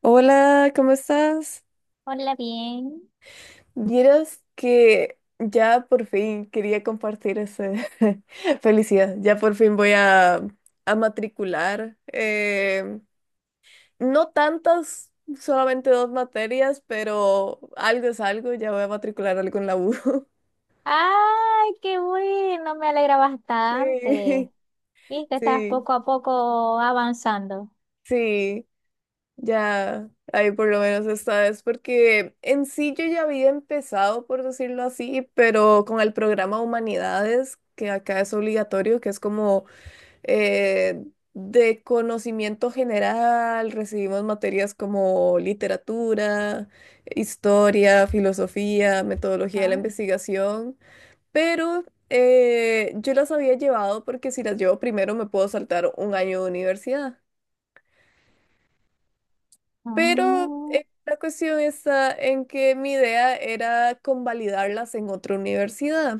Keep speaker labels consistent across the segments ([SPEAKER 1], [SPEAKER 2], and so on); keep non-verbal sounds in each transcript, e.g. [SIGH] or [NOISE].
[SPEAKER 1] Hola, ¿cómo estás?
[SPEAKER 2] Hola, bien.
[SPEAKER 1] Vieras que ya por fin quería compartir esa [LAUGHS] felicidad. Ya por fin voy a matricular. No tantas, solamente dos materias, pero algo es algo. Ya voy a matricular algo en la U. [LAUGHS]
[SPEAKER 2] Ay, qué bueno, me alegra bastante.
[SPEAKER 1] Sí,
[SPEAKER 2] Viste, estás
[SPEAKER 1] sí,
[SPEAKER 2] poco a poco avanzando.
[SPEAKER 1] sí. Ya, ahí por lo menos esta vez, porque en sí yo ya había empezado, por decirlo así, pero con el programa Humanidades, que acá es obligatorio, que es como eh, de conocimiento general, recibimos materias como literatura, historia, filosofía, metodología de la
[SPEAKER 2] Ah,
[SPEAKER 1] investigación, pero yo las había llevado porque si las llevo primero me puedo saltar un año de universidad. Pero
[SPEAKER 2] mm,
[SPEAKER 1] la cuestión está en que mi idea era convalidarlas en otra universidad.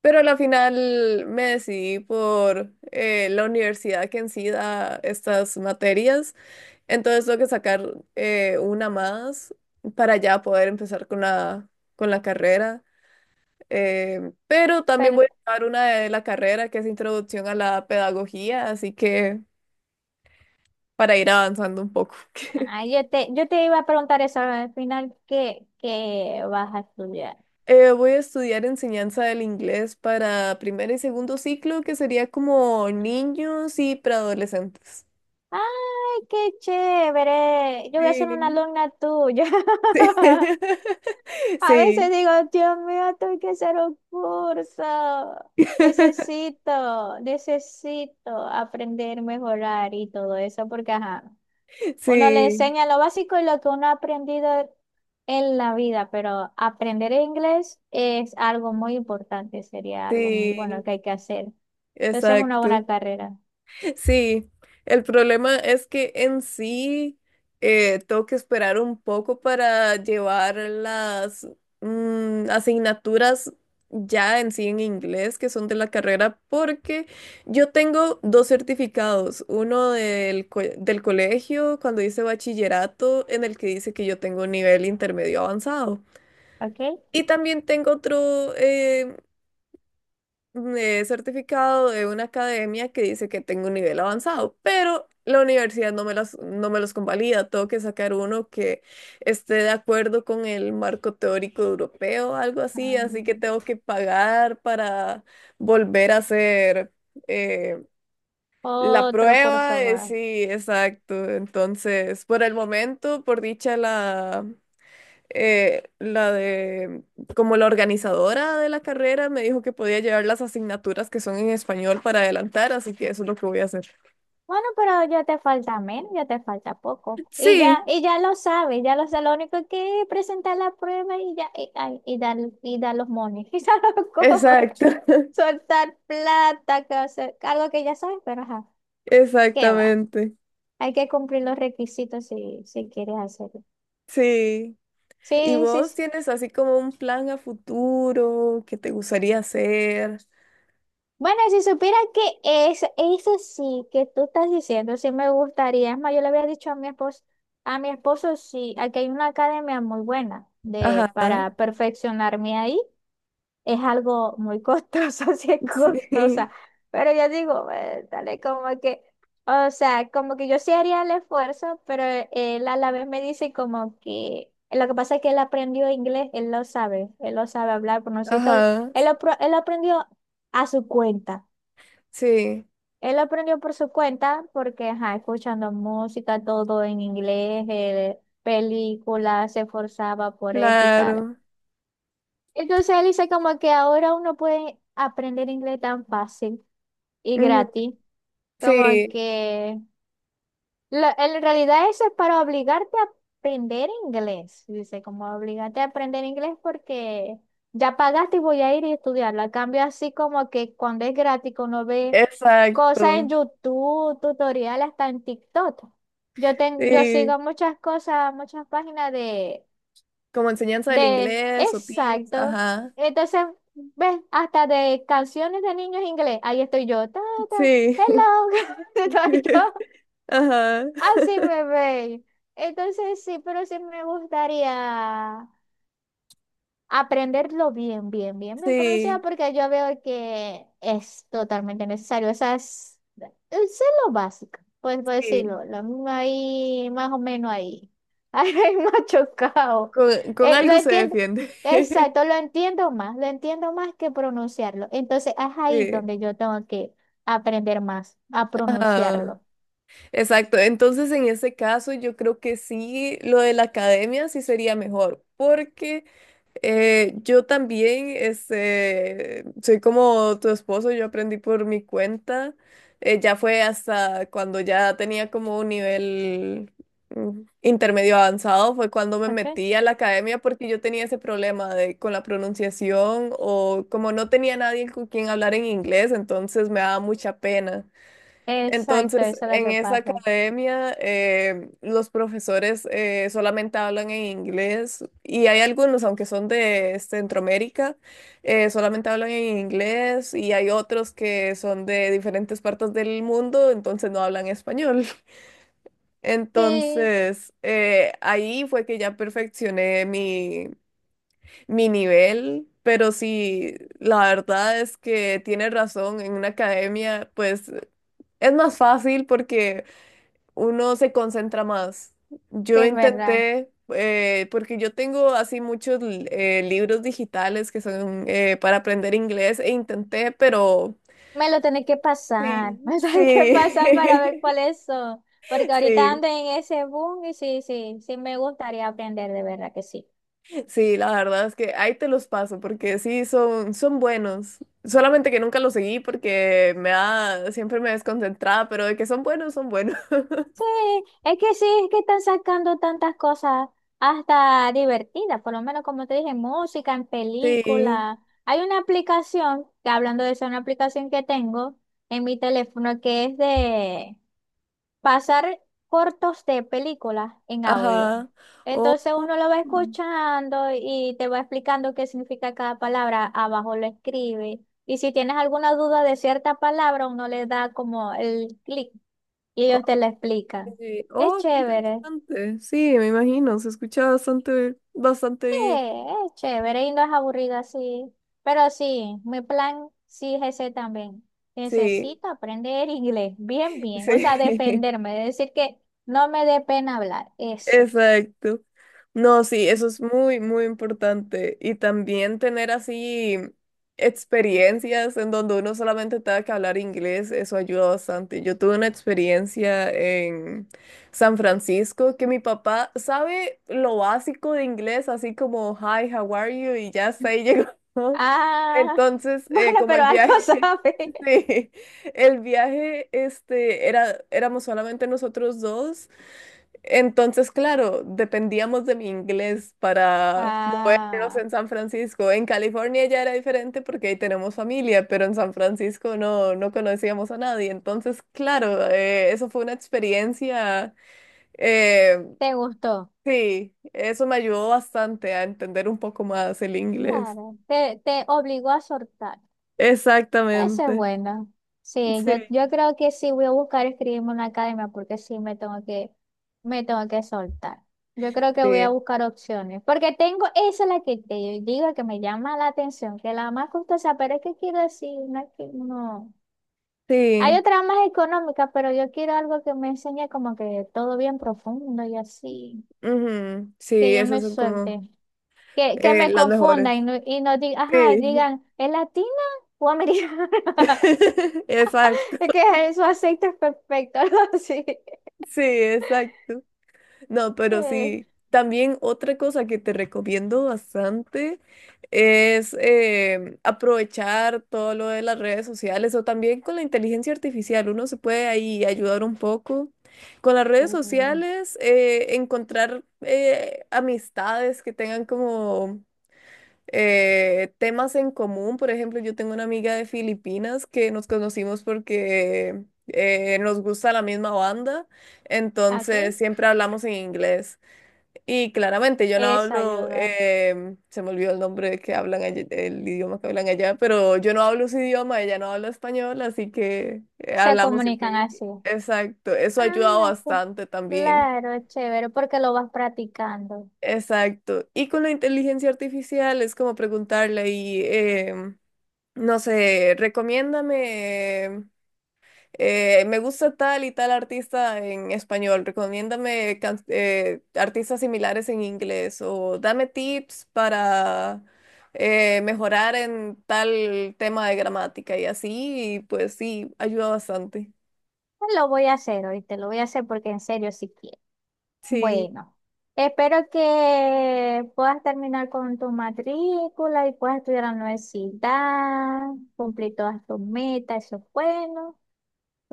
[SPEAKER 1] Pero a la final me decidí por la universidad que en sí da estas materias. Entonces tengo que sacar una más para ya poder empezar con la carrera. Pero también
[SPEAKER 2] pero
[SPEAKER 1] voy a sacar una de la carrera que es Introducción a la Pedagogía, así que para ir avanzando un poco. [LAUGHS]
[SPEAKER 2] yo te iba a preguntar eso al final, ¿qué, qué vas a estudiar?
[SPEAKER 1] Voy a estudiar enseñanza del inglés para primer y segundo ciclo, que sería como niños y preadolescentes.
[SPEAKER 2] Ay, qué chévere. Yo voy a ser una
[SPEAKER 1] Sí,
[SPEAKER 2] alumna tuya.
[SPEAKER 1] sí, [LAUGHS]
[SPEAKER 2] [LAUGHS] A veces
[SPEAKER 1] sí,
[SPEAKER 2] digo, Dios mío, esto que hacer un curso.
[SPEAKER 1] [LAUGHS]
[SPEAKER 2] Necesito aprender, mejorar y todo eso, porque ajá, uno le
[SPEAKER 1] sí,
[SPEAKER 2] enseña lo básico y lo que uno ha aprendido en la vida, pero aprender inglés es algo muy importante, sería algo muy bueno
[SPEAKER 1] sí,
[SPEAKER 2] que hay que hacer. Entonces es una
[SPEAKER 1] exacto.
[SPEAKER 2] buena carrera.
[SPEAKER 1] Sí, el problema es que en sí tengo que esperar un poco para llevar las asignaturas ya en sí en inglés que son de la carrera porque yo tengo dos certificados, uno del, del colegio cuando hice bachillerato en el que dice que yo tengo un nivel intermedio avanzado.
[SPEAKER 2] ¿Ok?
[SPEAKER 1] Y también tengo otro me certificado de una academia que dice que tengo un nivel avanzado, pero la universidad no me las, no me los convalida. Tengo que sacar uno que esté de acuerdo con el marco teórico europeo, algo así, así que tengo
[SPEAKER 2] Ah,
[SPEAKER 1] que pagar para volver a hacer eh, la
[SPEAKER 2] otro curso
[SPEAKER 1] prueba.
[SPEAKER 2] más.
[SPEAKER 1] Sí, exacto. Entonces, por el momento, por dicha la la de, como la organizadora de la carrera me dijo que podía llevar las asignaturas que son en español para adelantar, así que eso es lo que voy a hacer.
[SPEAKER 2] Bueno, pero ya te falta menos, ya te falta poco.
[SPEAKER 1] Sí,
[SPEAKER 2] Y ya lo sabes, ya lo sabes. Lo único es que es presentar la prueba y ya, y, ay, y dar los mones, [LAUGHS] y dar los cobres,
[SPEAKER 1] exacto, [LAUGHS]
[SPEAKER 2] soltar plata, que, o sea, algo que ya sabes, pero ajá, ¿qué va?
[SPEAKER 1] exactamente.
[SPEAKER 2] Hay que cumplir los requisitos si, si quieres hacerlo.
[SPEAKER 1] Sí. ¿Y
[SPEAKER 2] Sí, sí,
[SPEAKER 1] vos
[SPEAKER 2] sí.
[SPEAKER 1] tienes así como un plan a futuro que te gustaría hacer?
[SPEAKER 2] Bueno, si supiera que es, eso sí que tú estás diciendo, sí me gustaría. Es más, yo le había dicho a mi esposo, sí, aquí hay una academia muy buena de,
[SPEAKER 1] Ajá,
[SPEAKER 2] para perfeccionarme ahí. Es algo muy costoso, [LAUGHS] sí es
[SPEAKER 1] [LAUGHS]
[SPEAKER 2] costosa.
[SPEAKER 1] sí,
[SPEAKER 2] Pero yo digo, dale, como que, o sea, como que yo sí haría el esfuerzo, pero él a la vez me dice como que, lo que pasa es que él aprendió inglés, él lo sabe hablar, pronunciar y todo.
[SPEAKER 1] ajá,
[SPEAKER 2] Él, él lo aprendió a su cuenta.
[SPEAKER 1] sí,
[SPEAKER 2] Él aprendió por su cuenta porque, ajá, escuchando música, todo en inglés, películas, se esforzaba por eso y tal.
[SPEAKER 1] claro.
[SPEAKER 2] Entonces él dice como que ahora uno puede aprender inglés tan fácil y
[SPEAKER 1] Ujú,
[SPEAKER 2] gratis, como
[SPEAKER 1] sí,
[SPEAKER 2] que en realidad eso es para obligarte a aprender inglés. Dice, como obligarte a aprender inglés porque ya pagaste y voy a ir y estudiarlo. A cambio, así como que cuando es gratis, que uno ve cosas
[SPEAKER 1] exacto.
[SPEAKER 2] en YouTube, tutoriales, hasta en TikTok. Yo
[SPEAKER 1] Sí,
[SPEAKER 2] sigo muchas cosas, muchas páginas de,
[SPEAKER 1] como enseñanza del
[SPEAKER 2] de,
[SPEAKER 1] inglés o tips,
[SPEAKER 2] exacto.
[SPEAKER 1] ajá.
[SPEAKER 2] Entonces, ves, hasta de canciones de niños inglés. Ahí estoy yo. Ta, ta,
[SPEAKER 1] Sí.
[SPEAKER 2] hello. [LAUGHS] Estoy yo.
[SPEAKER 1] [LAUGHS] Ajá.
[SPEAKER 2] Así
[SPEAKER 1] [LAUGHS]
[SPEAKER 2] me bebé. Entonces sí, pero sí me gustaría aprenderlo bien, bien, bien, bien pronunciado,
[SPEAKER 1] Sí,
[SPEAKER 2] porque yo veo que es totalmente necesario. Esas, es lo básico, pues por
[SPEAKER 1] sí.
[SPEAKER 2] decirlo, lo mismo ahí, más o menos ahí. [LAUGHS] Ahí más chocado.
[SPEAKER 1] Con
[SPEAKER 2] Lo
[SPEAKER 1] algo se
[SPEAKER 2] entiendo,
[SPEAKER 1] defiende. [LAUGHS]
[SPEAKER 2] exacto, lo entiendo más que pronunciarlo. Entonces es ahí
[SPEAKER 1] Sí.
[SPEAKER 2] donde yo tengo que aprender más a
[SPEAKER 1] Ajá.
[SPEAKER 2] pronunciarlo.
[SPEAKER 1] Exacto. Entonces, en ese caso, yo creo que sí, lo de la academia sí sería mejor, porque yo también, este, soy como tu esposo, yo aprendí por mi cuenta. Ya fue hasta cuando ya tenía como un nivel intermedio avanzado, fue cuando me
[SPEAKER 2] Ok.
[SPEAKER 1] metí a la academia porque yo tenía ese problema de, con la pronunciación o como no tenía nadie con quien hablar en inglés, entonces me daba mucha pena.
[SPEAKER 2] Exacto,
[SPEAKER 1] Entonces,
[SPEAKER 2] eso es lo
[SPEAKER 1] en
[SPEAKER 2] que
[SPEAKER 1] esa
[SPEAKER 2] pasa.
[SPEAKER 1] academia, los profesores solamente hablan en inglés y hay algunos, aunque son de Centroamérica, solamente hablan en inglés y hay otros que son de diferentes partes del mundo, entonces no hablan español. [LAUGHS]
[SPEAKER 2] Sí,
[SPEAKER 1] Entonces, ahí fue que ya perfeccioné mi, mi nivel, pero sí, la verdad es que tiene razón, en una academia, pues... Es más fácil porque uno se concentra más.
[SPEAKER 2] sí,
[SPEAKER 1] Yo
[SPEAKER 2] es verdad.
[SPEAKER 1] intenté, porque yo tengo así muchos libros digitales que son para aprender inglés e intenté, pero...
[SPEAKER 2] Me lo tenés que pasar, [LAUGHS]
[SPEAKER 1] Sí,
[SPEAKER 2] me lo tenés que pasar para ver
[SPEAKER 1] sí,
[SPEAKER 2] cuáles son. Porque
[SPEAKER 1] [LAUGHS]
[SPEAKER 2] ahorita
[SPEAKER 1] sí,
[SPEAKER 2] ando en ese boom y sí, sí, sí me gustaría aprender, de verdad que sí.
[SPEAKER 1] sí, la verdad es que ahí te los paso porque sí, son, son buenos. Solamente que nunca los seguí porque me da, siempre me desconcentraba, pero de que son buenos, son buenos. [LAUGHS]
[SPEAKER 2] Sí, sí, es que están sacando tantas cosas hasta divertidas, por lo menos como te dije, música, en
[SPEAKER 1] Sí,
[SPEAKER 2] película. Hay una aplicación, que hablando de eso, una aplicación que tengo en mi teléfono que es de pasar cortos de películas en audio.
[SPEAKER 1] ajá. Oh.
[SPEAKER 2] Entonces uno lo va escuchando y te va explicando qué significa cada palabra, abajo lo escribe. Y si tienes alguna duda de cierta palabra, uno le da como el clic y ellos te la explican.
[SPEAKER 1] Sí.
[SPEAKER 2] Es
[SPEAKER 1] Oh, qué
[SPEAKER 2] chévere,
[SPEAKER 1] interesante. Sí, me imagino, se escucha bastante, bastante
[SPEAKER 2] sí,
[SPEAKER 1] bien.
[SPEAKER 2] es chévere y no es aburrida así. Pero sí, mi plan sí es ese también.
[SPEAKER 1] Sí,
[SPEAKER 2] Necesito aprender inglés, bien,
[SPEAKER 1] [LAUGHS]
[SPEAKER 2] bien. O sea,
[SPEAKER 1] sí.
[SPEAKER 2] defenderme, decir que no me dé pena hablar, eso.
[SPEAKER 1] Exacto. No, sí, eso es muy, muy importante. Y también tener así experiencias en donde uno solamente tenga que hablar inglés, eso ayuda bastante. Yo tuve una experiencia en San Francisco que mi papá sabe lo básico de inglés, así como hi, how are you, y ya está ahí llegó. [LAUGHS]
[SPEAKER 2] Ah,
[SPEAKER 1] Entonces,
[SPEAKER 2] [LAUGHS] bueno,
[SPEAKER 1] como
[SPEAKER 2] pero
[SPEAKER 1] el
[SPEAKER 2] algo [LAUGHS]
[SPEAKER 1] viaje,
[SPEAKER 2] sabe.
[SPEAKER 1] [LAUGHS] sí, el viaje, este, era, éramos solamente nosotros dos. Entonces, claro, dependíamos de mi inglés para movernos
[SPEAKER 2] Ah,
[SPEAKER 1] en San Francisco. En California ya era diferente porque ahí tenemos familia, pero en San Francisco no, no conocíamos a nadie. Entonces, claro, eso fue una experiencia, eh,
[SPEAKER 2] ¿te gustó?
[SPEAKER 1] sí, eso me ayudó bastante a entender un poco más el inglés.
[SPEAKER 2] Claro, te obligó a soltar. Eso es
[SPEAKER 1] Exactamente.
[SPEAKER 2] bueno. Sí,
[SPEAKER 1] Sí,
[SPEAKER 2] yo creo que sí voy a buscar escribirme una academia porque sí me tengo que soltar. Yo creo que voy a
[SPEAKER 1] sí,
[SPEAKER 2] buscar opciones. Porque tengo, esa es la que te digo que me llama la atención, que la más costosa, pero es que quiero decir una que no. Hay
[SPEAKER 1] sí.
[SPEAKER 2] otra más económica, pero yo quiero algo que me enseñe como que todo bien profundo y así.
[SPEAKER 1] Ujú,
[SPEAKER 2] Que
[SPEAKER 1] sí,
[SPEAKER 2] yo
[SPEAKER 1] esas
[SPEAKER 2] me
[SPEAKER 1] son como
[SPEAKER 2] suelte, que me
[SPEAKER 1] las
[SPEAKER 2] confundan
[SPEAKER 1] mejores.
[SPEAKER 2] y no digan, ajá,
[SPEAKER 1] Sí,
[SPEAKER 2] digan, ¿es latina o americana? [LAUGHS]
[SPEAKER 1] [LAUGHS] exacto.
[SPEAKER 2] Es que eso aceite es perfecto, [LAUGHS] algo así.
[SPEAKER 1] Sí, exacto. No, pero
[SPEAKER 2] Eh,
[SPEAKER 1] sí. También otra cosa que te recomiendo bastante es aprovechar todo lo de las redes sociales o también con la inteligencia artificial. Uno se puede ahí ayudar un poco. Con las redes
[SPEAKER 2] sí.
[SPEAKER 1] sociales, encontrar amistades que tengan como temas en común. Por ejemplo, yo tengo una amiga de Filipinas que nos conocimos porque nos gusta la misma banda,
[SPEAKER 2] Ok,
[SPEAKER 1] entonces siempre hablamos en inglés. Y claramente yo no
[SPEAKER 2] esa
[SPEAKER 1] hablo,
[SPEAKER 2] ayuda.
[SPEAKER 1] se me olvidó el nombre que hablan el idioma que hablan allá, pero yo no hablo su idioma, ella no habla español, así que
[SPEAKER 2] Se
[SPEAKER 1] hablamos siempre
[SPEAKER 2] comunican
[SPEAKER 1] en inglés.
[SPEAKER 2] así.
[SPEAKER 1] Exacto, eso ha ayudado
[SPEAKER 2] Ah,
[SPEAKER 1] bastante también.
[SPEAKER 2] claro, es chévere, porque lo vas practicando.
[SPEAKER 1] Exacto. Y con la inteligencia artificial es como preguntarle y no sé, recomiéndame, me gusta tal y tal artista en español, recomiéndame artistas similares en inglés o dame tips para mejorar en tal tema de gramática y así, y pues sí, ayuda bastante.
[SPEAKER 2] Lo voy a hacer hoy, te lo voy a hacer porque en serio sí quiero.
[SPEAKER 1] Sí,
[SPEAKER 2] Bueno, espero que puedas terminar con tu matrícula y puedas estudiar en la universidad, cumplir todas tus metas, eso es bueno.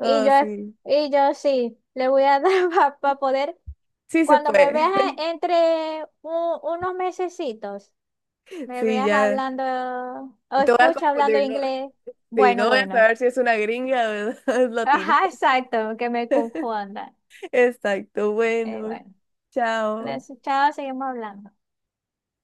[SPEAKER 2] Y yo,
[SPEAKER 1] sí,
[SPEAKER 2] y yo sí, le voy a dar [LAUGHS] para poder,
[SPEAKER 1] sí se
[SPEAKER 2] cuando me veas
[SPEAKER 1] puede. [LAUGHS]
[SPEAKER 2] entre unos mesecitos, me
[SPEAKER 1] Sí,
[SPEAKER 2] veas
[SPEAKER 1] ya,
[SPEAKER 2] hablando o
[SPEAKER 1] te voy a
[SPEAKER 2] escucha hablando
[SPEAKER 1] confundir, ¿no?
[SPEAKER 2] inglés.
[SPEAKER 1] Sí,
[SPEAKER 2] Bueno,
[SPEAKER 1] no voy a
[SPEAKER 2] bueno.
[SPEAKER 1] saber si es una gringa o es [LAUGHS] es
[SPEAKER 2] [LAUGHS]
[SPEAKER 1] latina.
[SPEAKER 2] Ajá, exacto, que me confunda.
[SPEAKER 1] Exacto, bueno,
[SPEAKER 2] Bueno,
[SPEAKER 1] chao.
[SPEAKER 2] entonces, chao, seguimos hablando.